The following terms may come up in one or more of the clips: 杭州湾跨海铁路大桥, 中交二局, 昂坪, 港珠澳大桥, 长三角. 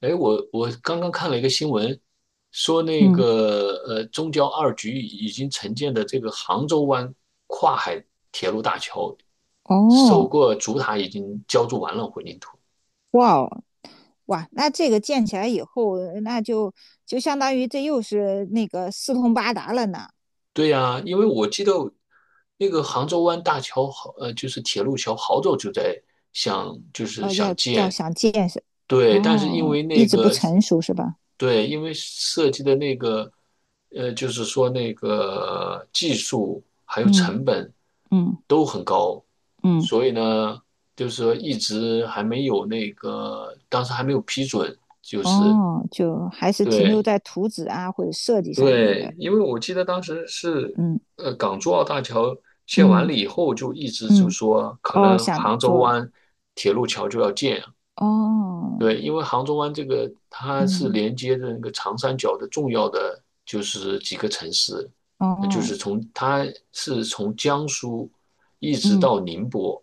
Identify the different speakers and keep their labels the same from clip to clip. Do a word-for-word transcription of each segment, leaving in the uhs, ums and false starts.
Speaker 1: 哎，我我刚刚看了一个新闻，说那
Speaker 2: 嗯。
Speaker 1: 个呃，中交二局已经承建的这个杭州湾跨海铁路大桥，首
Speaker 2: 哦。
Speaker 1: 个主塔已经浇筑完了混凝土。
Speaker 2: 哇哦。哇，那这个建起来以后，那就就相当于这又是那个四通八达了呢。
Speaker 1: 对呀，因为我记得那个杭州湾大桥好，呃，就是铁路桥，好早就在想，就是
Speaker 2: 哦，
Speaker 1: 想
Speaker 2: 要要
Speaker 1: 建，
Speaker 2: 想建设。
Speaker 1: 对，但是因
Speaker 2: 哦，
Speaker 1: 为
Speaker 2: 一
Speaker 1: 那
Speaker 2: 直不
Speaker 1: 个，
Speaker 2: 成熟是吧？
Speaker 1: 对，因为设计的那个，呃，就是说那个技术还有
Speaker 2: 嗯。
Speaker 1: 成本
Speaker 2: 嗯。
Speaker 1: 都很高，
Speaker 2: 嗯。
Speaker 1: 所以呢，就是说一直还没有那个，当时还没有批准。
Speaker 2: 哦，就还是停留
Speaker 1: 对
Speaker 2: 在图纸啊或者设计上面的。
Speaker 1: 对，因为我记得当时是，
Speaker 2: 嗯。
Speaker 1: 呃，港珠澳大桥建完了
Speaker 2: 嗯。
Speaker 1: 以后，就一直就
Speaker 2: 嗯。
Speaker 1: 说可
Speaker 2: 哦，
Speaker 1: 能
Speaker 2: 想
Speaker 1: 杭州
Speaker 2: 做。
Speaker 1: 湾铁路桥就要建，
Speaker 2: 哦。
Speaker 1: 对，因为杭州湾这个它是
Speaker 2: 嗯。
Speaker 1: 连接着那个长三角的重要的就是几个城市，那就是
Speaker 2: 哦。
Speaker 1: 从它是从江苏一直
Speaker 2: 嗯。
Speaker 1: 到宁波，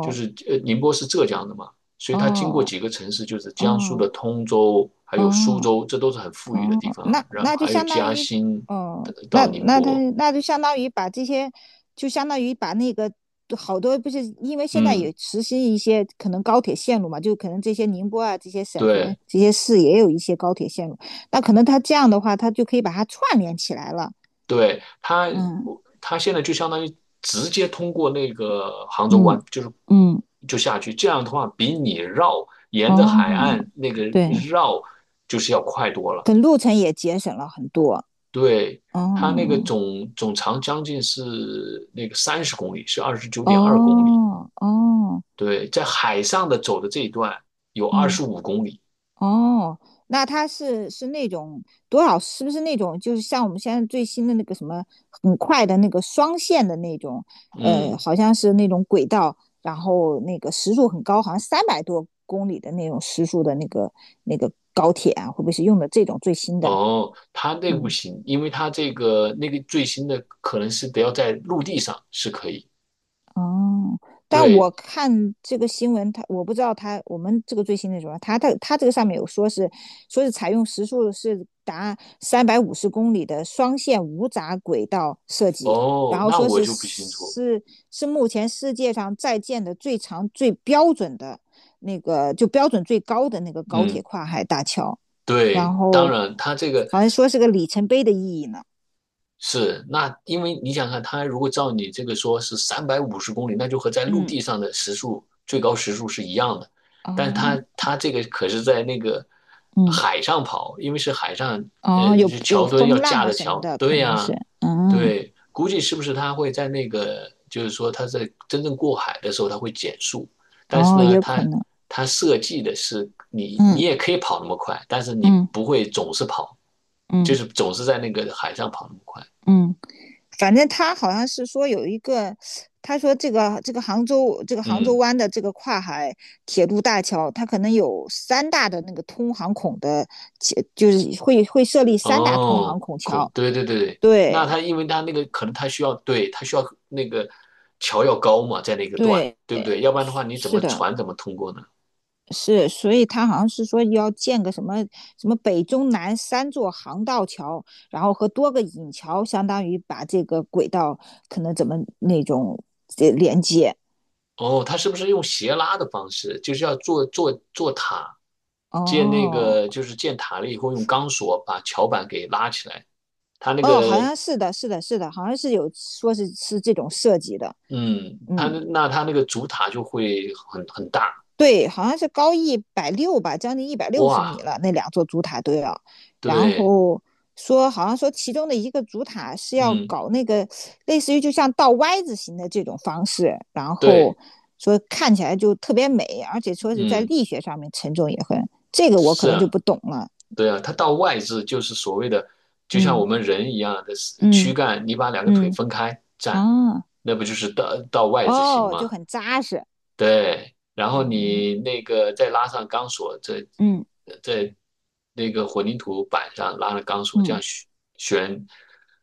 Speaker 1: 就是呃宁波是浙江的嘛，所以它经过
Speaker 2: 哦。
Speaker 1: 几个城市，就是江苏
Speaker 2: 哦。
Speaker 1: 的通州，还有苏
Speaker 2: 哦。
Speaker 1: 州，这都是很富裕的
Speaker 2: 哦，
Speaker 1: 地方，
Speaker 2: 那
Speaker 1: 然后
Speaker 2: 那就
Speaker 1: 还有
Speaker 2: 相当
Speaker 1: 嘉
Speaker 2: 于，
Speaker 1: 兴呃
Speaker 2: 哦，那
Speaker 1: 到宁
Speaker 2: 那他
Speaker 1: 波，
Speaker 2: 那就相当于把这些，就相当于把那个好多不是，因为现在
Speaker 1: 嗯，
Speaker 2: 也实施一些可能高铁线路嘛，就可能这些宁波啊这些省份
Speaker 1: 对。
Speaker 2: 这些市也有一些高铁线路，那可能他这样的话，他就可以把它串联起来了。
Speaker 1: 对，它，
Speaker 2: 嗯。
Speaker 1: 它现在就相当于直接通过那个杭州
Speaker 2: 嗯。
Speaker 1: 湾，就是
Speaker 2: 嗯。
Speaker 1: 就下去。这样的话，比你绕沿着海
Speaker 2: 哦，
Speaker 1: 岸那个
Speaker 2: 对，
Speaker 1: 绕就是要快多了。
Speaker 2: 可路程也节省了很多。
Speaker 1: 对，它那个
Speaker 2: 哦。
Speaker 1: 总总长将近是那个三十公里，是二十九点二公里。
Speaker 2: 哦。哦。
Speaker 1: 对，在海上的走的这一段有二
Speaker 2: 嗯。
Speaker 1: 十五公里。
Speaker 2: 哦，那它是是那种多少？是不是那种就是像我们现在最新的那个什么很快的那个双线的那种，呃，
Speaker 1: 嗯，
Speaker 2: 好像是那种轨道，然后那个时速很高，好像三百多公里的那种时速的那个那个高铁啊，会不会是用的这种最新的？
Speaker 1: 哦，它那个不
Speaker 2: 嗯。
Speaker 1: 行，因为它这个那个最新的可能是得要在陆地上是可以。
Speaker 2: 哦，但
Speaker 1: 对，
Speaker 2: 我看这个新闻，他我不知道他我们这个最新的什么，他他他这个上面有说是说是采用时速是达三百五十公里的双线无砟轨道设计，然
Speaker 1: 哦，
Speaker 2: 后
Speaker 1: 那
Speaker 2: 说
Speaker 1: 我
Speaker 2: 是
Speaker 1: 就不清楚。
Speaker 2: 是是目前世界上在建的最长最标准的那个就标准最高的那个高铁
Speaker 1: 嗯，
Speaker 2: 跨海大桥，然
Speaker 1: 对，当
Speaker 2: 后
Speaker 1: 然，他这个
Speaker 2: 好像说是个里程碑的意义呢。
Speaker 1: 是，那因为你想看，它如果照你这个说是三百五十公里，那就和在陆
Speaker 2: 嗯。
Speaker 1: 地上的时速最高时速是一样的，但是
Speaker 2: 啊。
Speaker 1: 它它这个可是在那个
Speaker 2: 嗯。
Speaker 1: 海上跑，因为是海上，呃，
Speaker 2: 哦，有
Speaker 1: 是
Speaker 2: 有
Speaker 1: 桥墩
Speaker 2: 风
Speaker 1: 要
Speaker 2: 浪
Speaker 1: 架
Speaker 2: 啊
Speaker 1: 着
Speaker 2: 什么
Speaker 1: 桥，
Speaker 2: 的，可
Speaker 1: 对
Speaker 2: 能是。
Speaker 1: 呀，
Speaker 2: 嗯。
Speaker 1: 对，估计是不是它会在那个，就是说它在真正过海的时候它会减速，但是
Speaker 2: 哦，也
Speaker 1: 呢，
Speaker 2: 有可
Speaker 1: 它
Speaker 2: 能。
Speaker 1: 它设计的是你你
Speaker 2: 嗯。
Speaker 1: 也可以跑那么快，但是你
Speaker 2: 嗯。
Speaker 1: 不会总是跑，就
Speaker 2: 嗯。
Speaker 1: 是总是在那个海上跑那么快。
Speaker 2: 嗯。反正他好像是说有一个，他说这个这个杭州这个杭州
Speaker 1: 嗯，
Speaker 2: 湾的这个跨海铁路大桥，它可能有三大的那个通航孔的，其就是会会设立三大通航
Speaker 1: 哦，
Speaker 2: 孔
Speaker 1: 孔，
Speaker 2: 桥。
Speaker 1: 对对对对，
Speaker 2: 对，
Speaker 1: 那他因为他那个可能他需要，对，他需要那个桥要高嘛，在那个段，
Speaker 2: 对，
Speaker 1: 对不对？要不然的
Speaker 2: 是
Speaker 1: 话，你怎
Speaker 2: 是
Speaker 1: 么
Speaker 2: 的，
Speaker 1: 船怎么通过呢？
Speaker 2: 是，所以他好像是说要建个什么什么北中南三座航道桥，然后和多个引桥，相当于把这个轨道可能怎么那种这连接。
Speaker 1: 哦，他是不是用斜拉的方式，就是要做做做塔，建那
Speaker 2: 哦。
Speaker 1: 个就是建塔了以后，用钢索把桥板给拉起来，他那
Speaker 2: 哦，好
Speaker 1: 个，
Speaker 2: 像是的，是的，是的，好像是有说是是这种设计的。
Speaker 1: 嗯，他
Speaker 2: 嗯，
Speaker 1: 那他那个主塔就会很很大，
Speaker 2: 对，好像是高一百六吧，将近一百六十米
Speaker 1: 哇，
Speaker 2: 了，那两座主塔都要。然
Speaker 1: 对，
Speaker 2: 后说，好像说其中的一个主塔是要
Speaker 1: 嗯，
Speaker 2: 搞那个类似于就像倒 Y 字形的这种方式，然后
Speaker 1: 对，
Speaker 2: 说看起来就特别美，而且说是在
Speaker 1: 嗯。
Speaker 2: 力学上面沉重也很，这个我可能就
Speaker 1: 是，
Speaker 2: 不懂了。
Speaker 1: 对啊，它到外置就是所谓的，就像我
Speaker 2: 嗯。
Speaker 1: 们人一样的躯
Speaker 2: 嗯。
Speaker 1: 干，你把两个腿
Speaker 2: 嗯。
Speaker 1: 分开站，
Speaker 2: 啊。
Speaker 1: 那不就是到到外置型
Speaker 2: 哦，就
Speaker 1: 吗？
Speaker 2: 很扎实。
Speaker 1: 对，然后你
Speaker 2: 哦。
Speaker 1: 那个再拉上钢索，在
Speaker 2: 嗯。
Speaker 1: 在那个混凝土板上拉了钢索，这
Speaker 2: 嗯。
Speaker 1: 样悬悬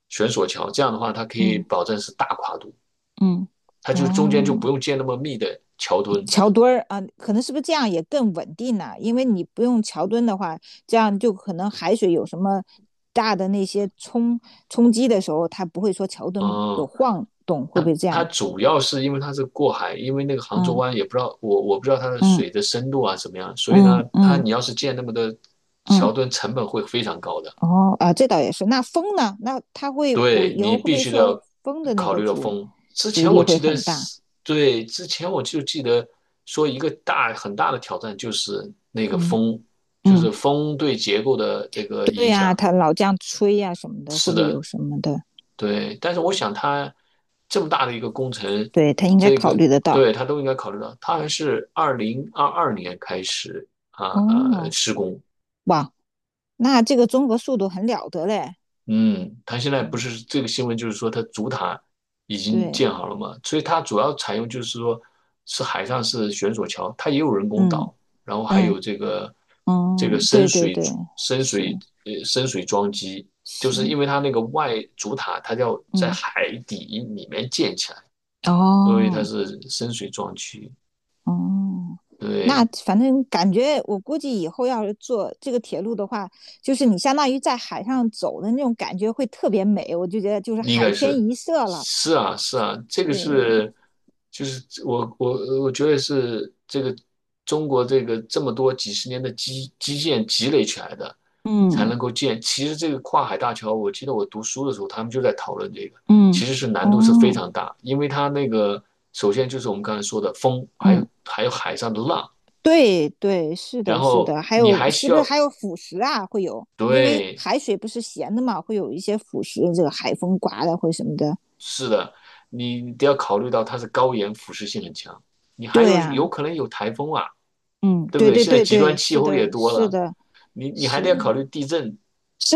Speaker 1: 悬索桥，这样的话它可以
Speaker 2: 嗯。
Speaker 1: 保证是大跨度，
Speaker 2: 嗯。
Speaker 1: 它就中间就
Speaker 2: 嗯。
Speaker 1: 不
Speaker 2: 哦，
Speaker 1: 用建那么密的桥墩。
Speaker 2: 桥墩儿啊，可能是不是这样也更稳定呢、啊因为你不用桥墩的话，这样就可能海水有什么大的那些冲冲击的时候，它不会说桥墩有
Speaker 1: 嗯，
Speaker 2: 晃动，会不会这
Speaker 1: 它
Speaker 2: 样？
Speaker 1: 主要是因为它是过海，因为那个杭州
Speaker 2: 嗯。
Speaker 1: 湾也不知道我我不知道它的
Speaker 2: 嗯。
Speaker 1: 水的深度啊怎么样，所以呢，
Speaker 2: 嗯。
Speaker 1: 它
Speaker 2: 嗯。
Speaker 1: 你要是建那么多
Speaker 2: 嗯。
Speaker 1: 桥墩，成本会非常高的。
Speaker 2: 哦啊，这倒也是。那风呢？那它会，我
Speaker 1: 对
Speaker 2: 以
Speaker 1: 你
Speaker 2: 后会不
Speaker 1: 必
Speaker 2: 会
Speaker 1: 须
Speaker 2: 受
Speaker 1: 得
Speaker 2: 风的那
Speaker 1: 考
Speaker 2: 个
Speaker 1: 虑到
Speaker 2: 阻
Speaker 1: 风。之
Speaker 2: 阻
Speaker 1: 前
Speaker 2: 力
Speaker 1: 我
Speaker 2: 会
Speaker 1: 记得
Speaker 2: 很大？
Speaker 1: 是，对，之前我就记得说一个大很大的挑战就是那个
Speaker 2: 嗯。
Speaker 1: 风，就是
Speaker 2: 嗯，
Speaker 1: 风对结构的这个
Speaker 2: 对
Speaker 1: 影
Speaker 2: 呀、啊
Speaker 1: 响。
Speaker 2: 它老这样吹呀、啊什么的，会
Speaker 1: 是
Speaker 2: 不会有
Speaker 1: 的，
Speaker 2: 什么的？
Speaker 1: 对，但是我想他这么大的一个工程，
Speaker 2: 对，它应该
Speaker 1: 这
Speaker 2: 考
Speaker 1: 个
Speaker 2: 虑得到。
Speaker 1: 对他都应该考虑到。他还是二零二二年开始啊呃
Speaker 2: 哦。
Speaker 1: 施工，
Speaker 2: 哇，那这个综合速度很了得嘞。
Speaker 1: 嗯，他现在不
Speaker 2: 嗯，
Speaker 1: 是这个新闻就是说他主塔已经
Speaker 2: 对。
Speaker 1: 建好了嘛，所以它主要采用就是说是海上是悬索桥，它也有人工
Speaker 2: 嗯。
Speaker 1: 岛，然后还有
Speaker 2: 嗯。
Speaker 1: 这个这个
Speaker 2: 嗯。
Speaker 1: 深
Speaker 2: 对，对，
Speaker 1: 水
Speaker 2: 对，
Speaker 1: 深
Speaker 2: 是，
Speaker 1: 水呃深水桩基，就
Speaker 2: 是。
Speaker 1: 是因为它那个外主塔它要在
Speaker 2: 嗯。
Speaker 1: 海底里面建起来。所以它
Speaker 2: 哦。
Speaker 1: 是深水壮区，
Speaker 2: 哦，那
Speaker 1: 对，
Speaker 2: 反正感觉我估计以后要是坐这个铁路的话，就是你相当于在海上走的那种感觉会特别美，我就觉得就是
Speaker 1: 应
Speaker 2: 海
Speaker 1: 该
Speaker 2: 天
Speaker 1: 是，
Speaker 2: 一色了。
Speaker 1: 是啊，是啊，这个
Speaker 2: 对。
Speaker 1: 是，就是我我我觉得是这个中国这个这么多几十年的基基建积累起来的，才
Speaker 2: 嗯。
Speaker 1: 能够建。其实这个跨海大桥，我记得我读书的时候，他们就在讨论这个，其
Speaker 2: 嗯。
Speaker 1: 实是难度是非
Speaker 2: 哦。
Speaker 1: 常大，因为它那个首先就是我们刚才说的风，还有
Speaker 2: 嗯。
Speaker 1: 还有海上的浪，
Speaker 2: 对，对，是
Speaker 1: 然
Speaker 2: 的，是
Speaker 1: 后
Speaker 2: 的，还
Speaker 1: 你
Speaker 2: 有
Speaker 1: 还
Speaker 2: 是
Speaker 1: 需
Speaker 2: 不是
Speaker 1: 要
Speaker 2: 还有腐蚀啊？会有，因为
Speaker 1: 对。
Speaker 2: 海水不是咸的嘛，会有一些腐蚀，这个海风刮的会什么的。
Speaker 1: 是的，你得要考虑到它是高盐、腐蚀性很强，你还有
Speaker 2: 对
Speaker 1: 有
Speaker 2: 啊。
Speaker 1: 可能有台风啊，
Speaker 2: 嗯，
Speaker 1: 对不
Speaker 2: 对，
Speaker 1: 对？
Speaker 2: 对，
Speaker 1: 现在
Speaker 2: 对，
Speaker 1: 极端
Speaker 2: 对，
Speaker 1: 气
Speaker 2: 是
Speaker 1: 候也
Speaker 2: 的，
Speaker 1: 多
Speaker 2: 是
Speaker 1: 了，
Speaker 2: 的，
Speaker 1: 你你还
Speaker 2: 是
Speaker 1: 得要考虑地震
Speaker 2: 是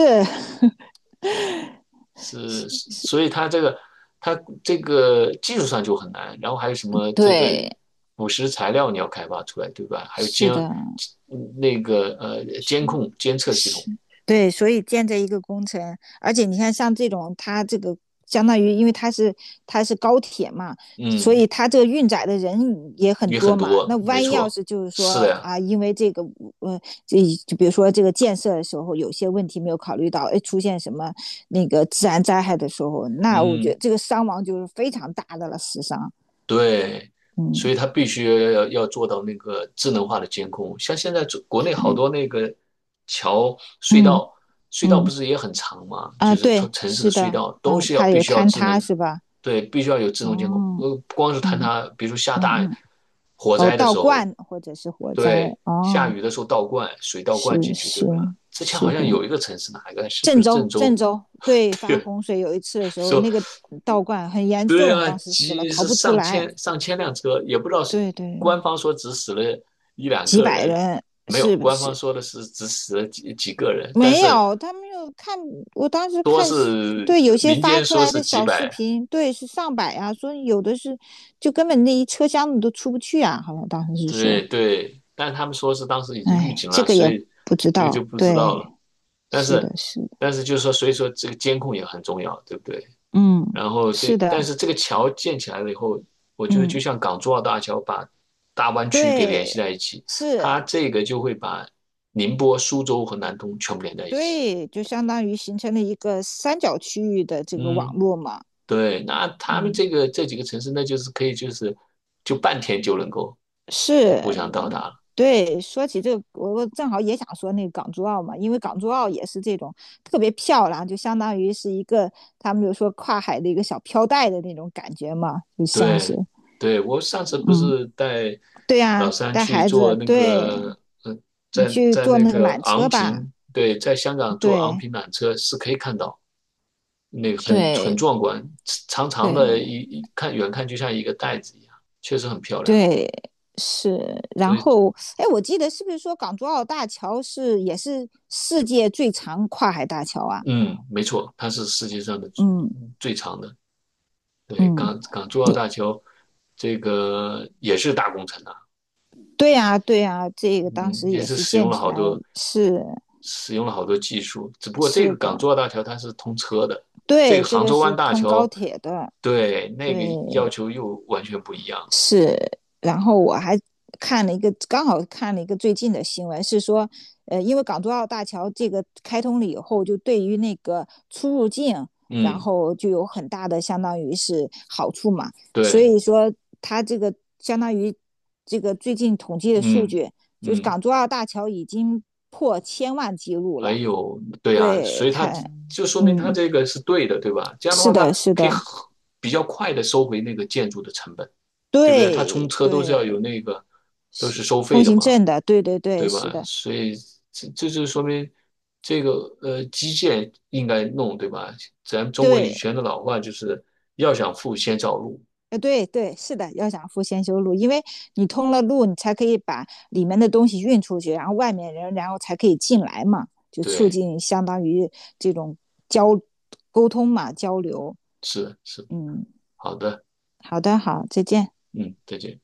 Speaker 1: 是是所以它这个它这个技术上就很难，然后还有什么 这个
Speaker 2: 对，
Speaker 1: 腐蚀材料你要开发出来，对吧？还有
Speaker 2: 是
Speaker 1: 监
Speaker 2: 的，
Speaker 1: 嗯那个呃
Speaker 2: 是，
Speaker 1: 监控监测系统，
Speaker 2: 是，对，所以建这一个工程，而且你看，像这种它这个相当于，因为它是它是高铁嘛，所
Speaker 1: 嗯，
Speaker 2: 以它这个运载的人也很
Speaker 1: 也很
Speaker 2: 多嘛。那
Speaker 1: 多，没
Speaker 2: 万一要
Speaker 1: 错，
Speaker 2: 是就是
Speaker 1: 是的
Speaker 2: 说
Speaker 1: 呀，
Speaker 2: 啊，因为这个呃，这就比如说这个建设的时候有些问题没有考虑到，哎，出现什么那个自然灾害的时候，那我觉
Speaker 1: 嗯。
Speaker 2: 得这个伤亡就是非常大的了，死伤。
Speaker 1: 对，
Speaker 2: 嗯。
Speaker 1: 所以它必须要要做到那个智能化的监控。像现在中国内好
Speaker 2: 对。
Speaker 1: 多那个桥、隧
Speaker 2: 嗯。
Speaker 1: 道，隧道不
Speaker 2: 嗯。
Speaker 1: 是也很长吗？就
Speaker 2: 啊，
Speaker 1: 是
Speaker 2: 对，
Speaker 1: 城城市的
Speaker 2: 是
Speaker 1: 隧
Speaker 2: 的。
Speaker 1: 道都
Speaker 2: 嗯，
Speaker 1: 是要
Speaker 2: 怕
Speaker 1: 必
Speaker 2: 有
Speaker 1: 须要
Speaker 2: 坍
Speaker 1: 智
Speaker 2: 塌
Speaker 1: 能，
Speaker 2: 是吧？
Speaker 1: 对，必须要有自动监控。
Speaker 2: 哦。
Speaker 1: 呃，不光是坍
Speaker 2: 嗯。
Speaker 1: 塌，比如说下
Speaker 2: 嗯。
Speaker 1: 大
Speaker 2: 嗯，
Speaker 1: 火
Speaker 2: 哦，
Speaker 1: 灾的
Speaker 2: 道
Speaker 1: 时候，
Speaker 2: 观或者是火灾。
Speaker 1: 对，下
Speaker 2: 哦，
Speaker 1: 雨的时候倒灌水倒
Speaker 2: 是，
Speaker 1: 灌进去，对
Speaker 2: 是，
Speaker 1: 吧？之前好
Speaker 2: 是的，
Speaker 1: 像有一个城市哪一个，是不
Speaker 2: 郑
Speaker 1: 是郑
Speaker 2: 州，郑
Speaker 1: 州？
Speaker 2: 州，对， 发
Speaker 1: 对，
Speaker 2: 洪水有一次的时候，
Speaker 1: 说
Speaker 2: 那个道观很严
Speaker 1: 对
Speaker 2: 重，
Speaker 1: 啊，
Speaker 2: 当时死了
Speaker 1: 几
Speaker 2: 逃
Speaker 1: 是
Speaker 2: 不出
Speaker 1: 上
Speaker 2: 来。
Speaker 1: 千上千辆车，也不知道是
Speaker 2: 对，对，
Speaker 1: 官方说只死了一两
Speaker 2: 几
Speaker 1: 个
Speaker 2: 百
Speaker 1: 人，
Speaker 2: 人
Speaker 1: 没有，
Speaker 2: 是不
Speaker 1: 官方
Speaker 2: 是？
Speaker 1: 说的是只死了几几个人，但
Speaker 2: 没
Speaker 1: 是
Speaker 2: 有，他们又看，我当时
Speaker 1: 多
Speaker 2: 看，
Speaker 1: 是
Speaker 2: 对，有些
Speaker 1: 民
Speaker 2: 发
Speaker 1: 间
Speaker 2: 出
Speaker 1: 说
Speaker 2: 来
Speaker 1: 是
Speaker 2: 的
Speaker 1: 几
Speaker 2: 小视
Speaker 1: 百，
Speaker 2: 频，对，是上百啊，说有的是就根本那一车厢你都出不去啊，好像当时是说，
Speaker 1: 对对，但他们说是当时已经预
Speaker 2: 哎，
Speaker 1: 警
Speaker 2: 这
Speaker 1: 了，
Speaker 2: 个
Speaker 1: 所
Speaker 2: 也
Speaker 1: 以
Speaker 2: 不知
Speaker 1: 这个就
Speaker 2: 道。
Speaker 1: 不知道
Speaker 2: 对，
Speaker 1: 了。但
Speaker 2: 是
Speaker 1: 是
Speaker 2: 的，是。
Speaker 1: 但是就是说，所以说这个监控也很重要，对不对？
Speaker 2: 嗯，
Speaker 1: 然后
Speaker 2: 是
Speaker 1: 这，但
Speaker 2: 的。
Speaker 1: 是这个桥建起来了以后，我觉得就
Speaker 2: 嗯，
Speaker 1: 像港珠澳大桥把大湾区给联系
Speaker 2: 对，
Speaker 1: 在一起，
Speaker 2: 是，
Speaker 1: 它这个就会把宁波、苏州和南通全部连在一起。
Speaker 2: 对，就相当于形成了一个三角区域的这个网
Speaker 1: 嗯，
Speaker 2: 络嘛。
Speaker 1: 对，那他们
Speaker 2: 嗯，
Speaker 1: 这个这几个城市，那就是可以就是就半天就能够呃
Speaker 2: 是，
Speaker 1: 互相到达了。
Speaker 2: 对。说起这个，我我正好也想说那个港珠澳嘛，因为港珠澳也是这种特别漂亮，就相当于是一个他们就说跨海的一个小飘带的那种感觉嘛，就像是。
Speaker 1: 对，对，我上次不
Speaker 2: 嗯，
Speaker 1: 是带
Speaker 2: 对
Speaker 1: 老
Speaker 2: 呀，
Speaker 1: 三
Speaker 2: 带
Speaker 1: 去
Speaker 2: 孩
Speaker 1: 做
Speaker 2: 子，
Speaker 1: 那
Speaker 2: 对，
Speaker 1: 个，嗯、
Speaker 2: 你
Speaker 1: 在
Speaker 2: 去
Speaker 1: 在
Speaker 2: 坐
Speaker 1: 那
Speaker 2: 那个
Speaker 1: 个
Speaker 2: 缆
Speaker 1: 昂
Speaker 2: 车吧，
Speaker 1: 坪，对，在香港坐昂
Speaker 2: 对，
Speaker 1: 坪缆车是可以看到。那个很很
Speaker 2: 对，
Speaker 1: 壮观，长长的
Speaker 2: 对。
Speaker 1: 一一看远看就像一个袋子一样，确实很漂亮。
Speaker 2: 对，是。
Speaker 1: 所
Speaker 2: 然
Speaker 1: 以，
Speaker 2: 后，哎，我记得是不是说港珠澳大桥是也是世界最长跨海大桥啊？
Speaker 1: 嗯，没错，它是世界上的
Speaker 2: 嗯。
Speaker 1: 嗯最长的。对，
Speaker 2: 嗯，
Speaker 1: 港港珠澳
Speaker 2: 你
Speaker 1: 大桥这个也是大工程啊，
Speaker 2: 对呀、对呀、这个当
Speaker 1: 嗯，
Speaker 2: 时
Speaker 1: 也
Speaker 2: 也
Speaker 1: 是
Speaker 2: 是
Speaker 1: 使用
Speaker 2: 建
Speaker 1: 了
Speaker 2: 起
Speaker 1: 好
Speaker 2: 来。
Speaker 1: 多
Speaker 2: 是，
Speaker 1: 使用了好多技术。只不过这
Speaker 2: 是
Speaker 1: 个
Speaker 2: 的，
Speaker 1: 港珠澳大桥它是通车的，这
Speaker 2: 对，
Speaker 1: 个
Speaker 2: 这
Speaker 1: 杭
Speaker 2: 个
Speaker 1: 州湾
Speaker 2: 是
Speaker 1: 大
Speaker 2: 通高
Speaker 1: 桥
Speaker 2: 铁的。
Speaker 1: 对那
Speaker 2: 对，
Speaker 1: 个要求又完全不一样了
Speaker 2: 是，然后我还看了一个，刚好看了一个最近的新闻，是说，呃，因为港珠澳大桥这个开通了以后，就对于那个出入境，然
Speaker 1: 嗯，
Speaker 2: 后就有很大的相当于是好处嘛，所
Speaker 1: 对，
Speaker 2: 以说它这个相当于这个最近统计的数
Speaker 1: 嗯
Speaker 2: 据，就是
Speaker 1: 嗯。
Speaker 2: 港珠澳大桥已经破千万记录
Speaker 1: 哎
Speaker 2: 了。
Speaker 1: 呦，对啊，所
Speaker 2: 对，
Speaker 1: 以他
Speaker 2: 它。
Speaker 1: 就说明他
Speaker 2: 嗯，
Speaker 1: 这个是对的，对吧？这样的
Speaker 2: 是
Speaker 1: 话，他
Speaker 2: 的，是
Speaker 1: 可以很
Speaker 2: 的，
Speaker 1: 比较快的收回那个建筑的成本，对不对？他冲
Speaker 2: 对，
Speaker 1: 车都是要有
Speaker 2: 对
Speaker 1: 那个，都
Speaker 2: 是
Speaker 1: 是收费
Speaker 2: 通
Speaker 1: 的
Speaker 2: 行
Speaker 1: 嘛，
Speaker 2: 证的，对，对，对，
Speaker 1: 对
Speaker 2: 是
Speaker 1: 吧？
Speaker 2: 的。
Speaker 1: 所以这这就说明这个呃基建应该弄，对吧？咱们中国以
Speaker 2: 对，
Speaker 1: 前的老话就是要想富先造路，
Speaker 2: 呃，对，对，是的，要想富先修路，因为你通了路，你才可以把里面的东西运出去，然后外面人，然后才可以进来嘛，就促
Speaker 1: 对，
Speaker 2: 进相当于这种交沟通嘛，交流。
Speaker 1: 是是，
Speaker 2: 嗯，
Speaker 1: 好的，
Speaker 2: 好的，好，再见。
Speaker 1: 嗯，再见。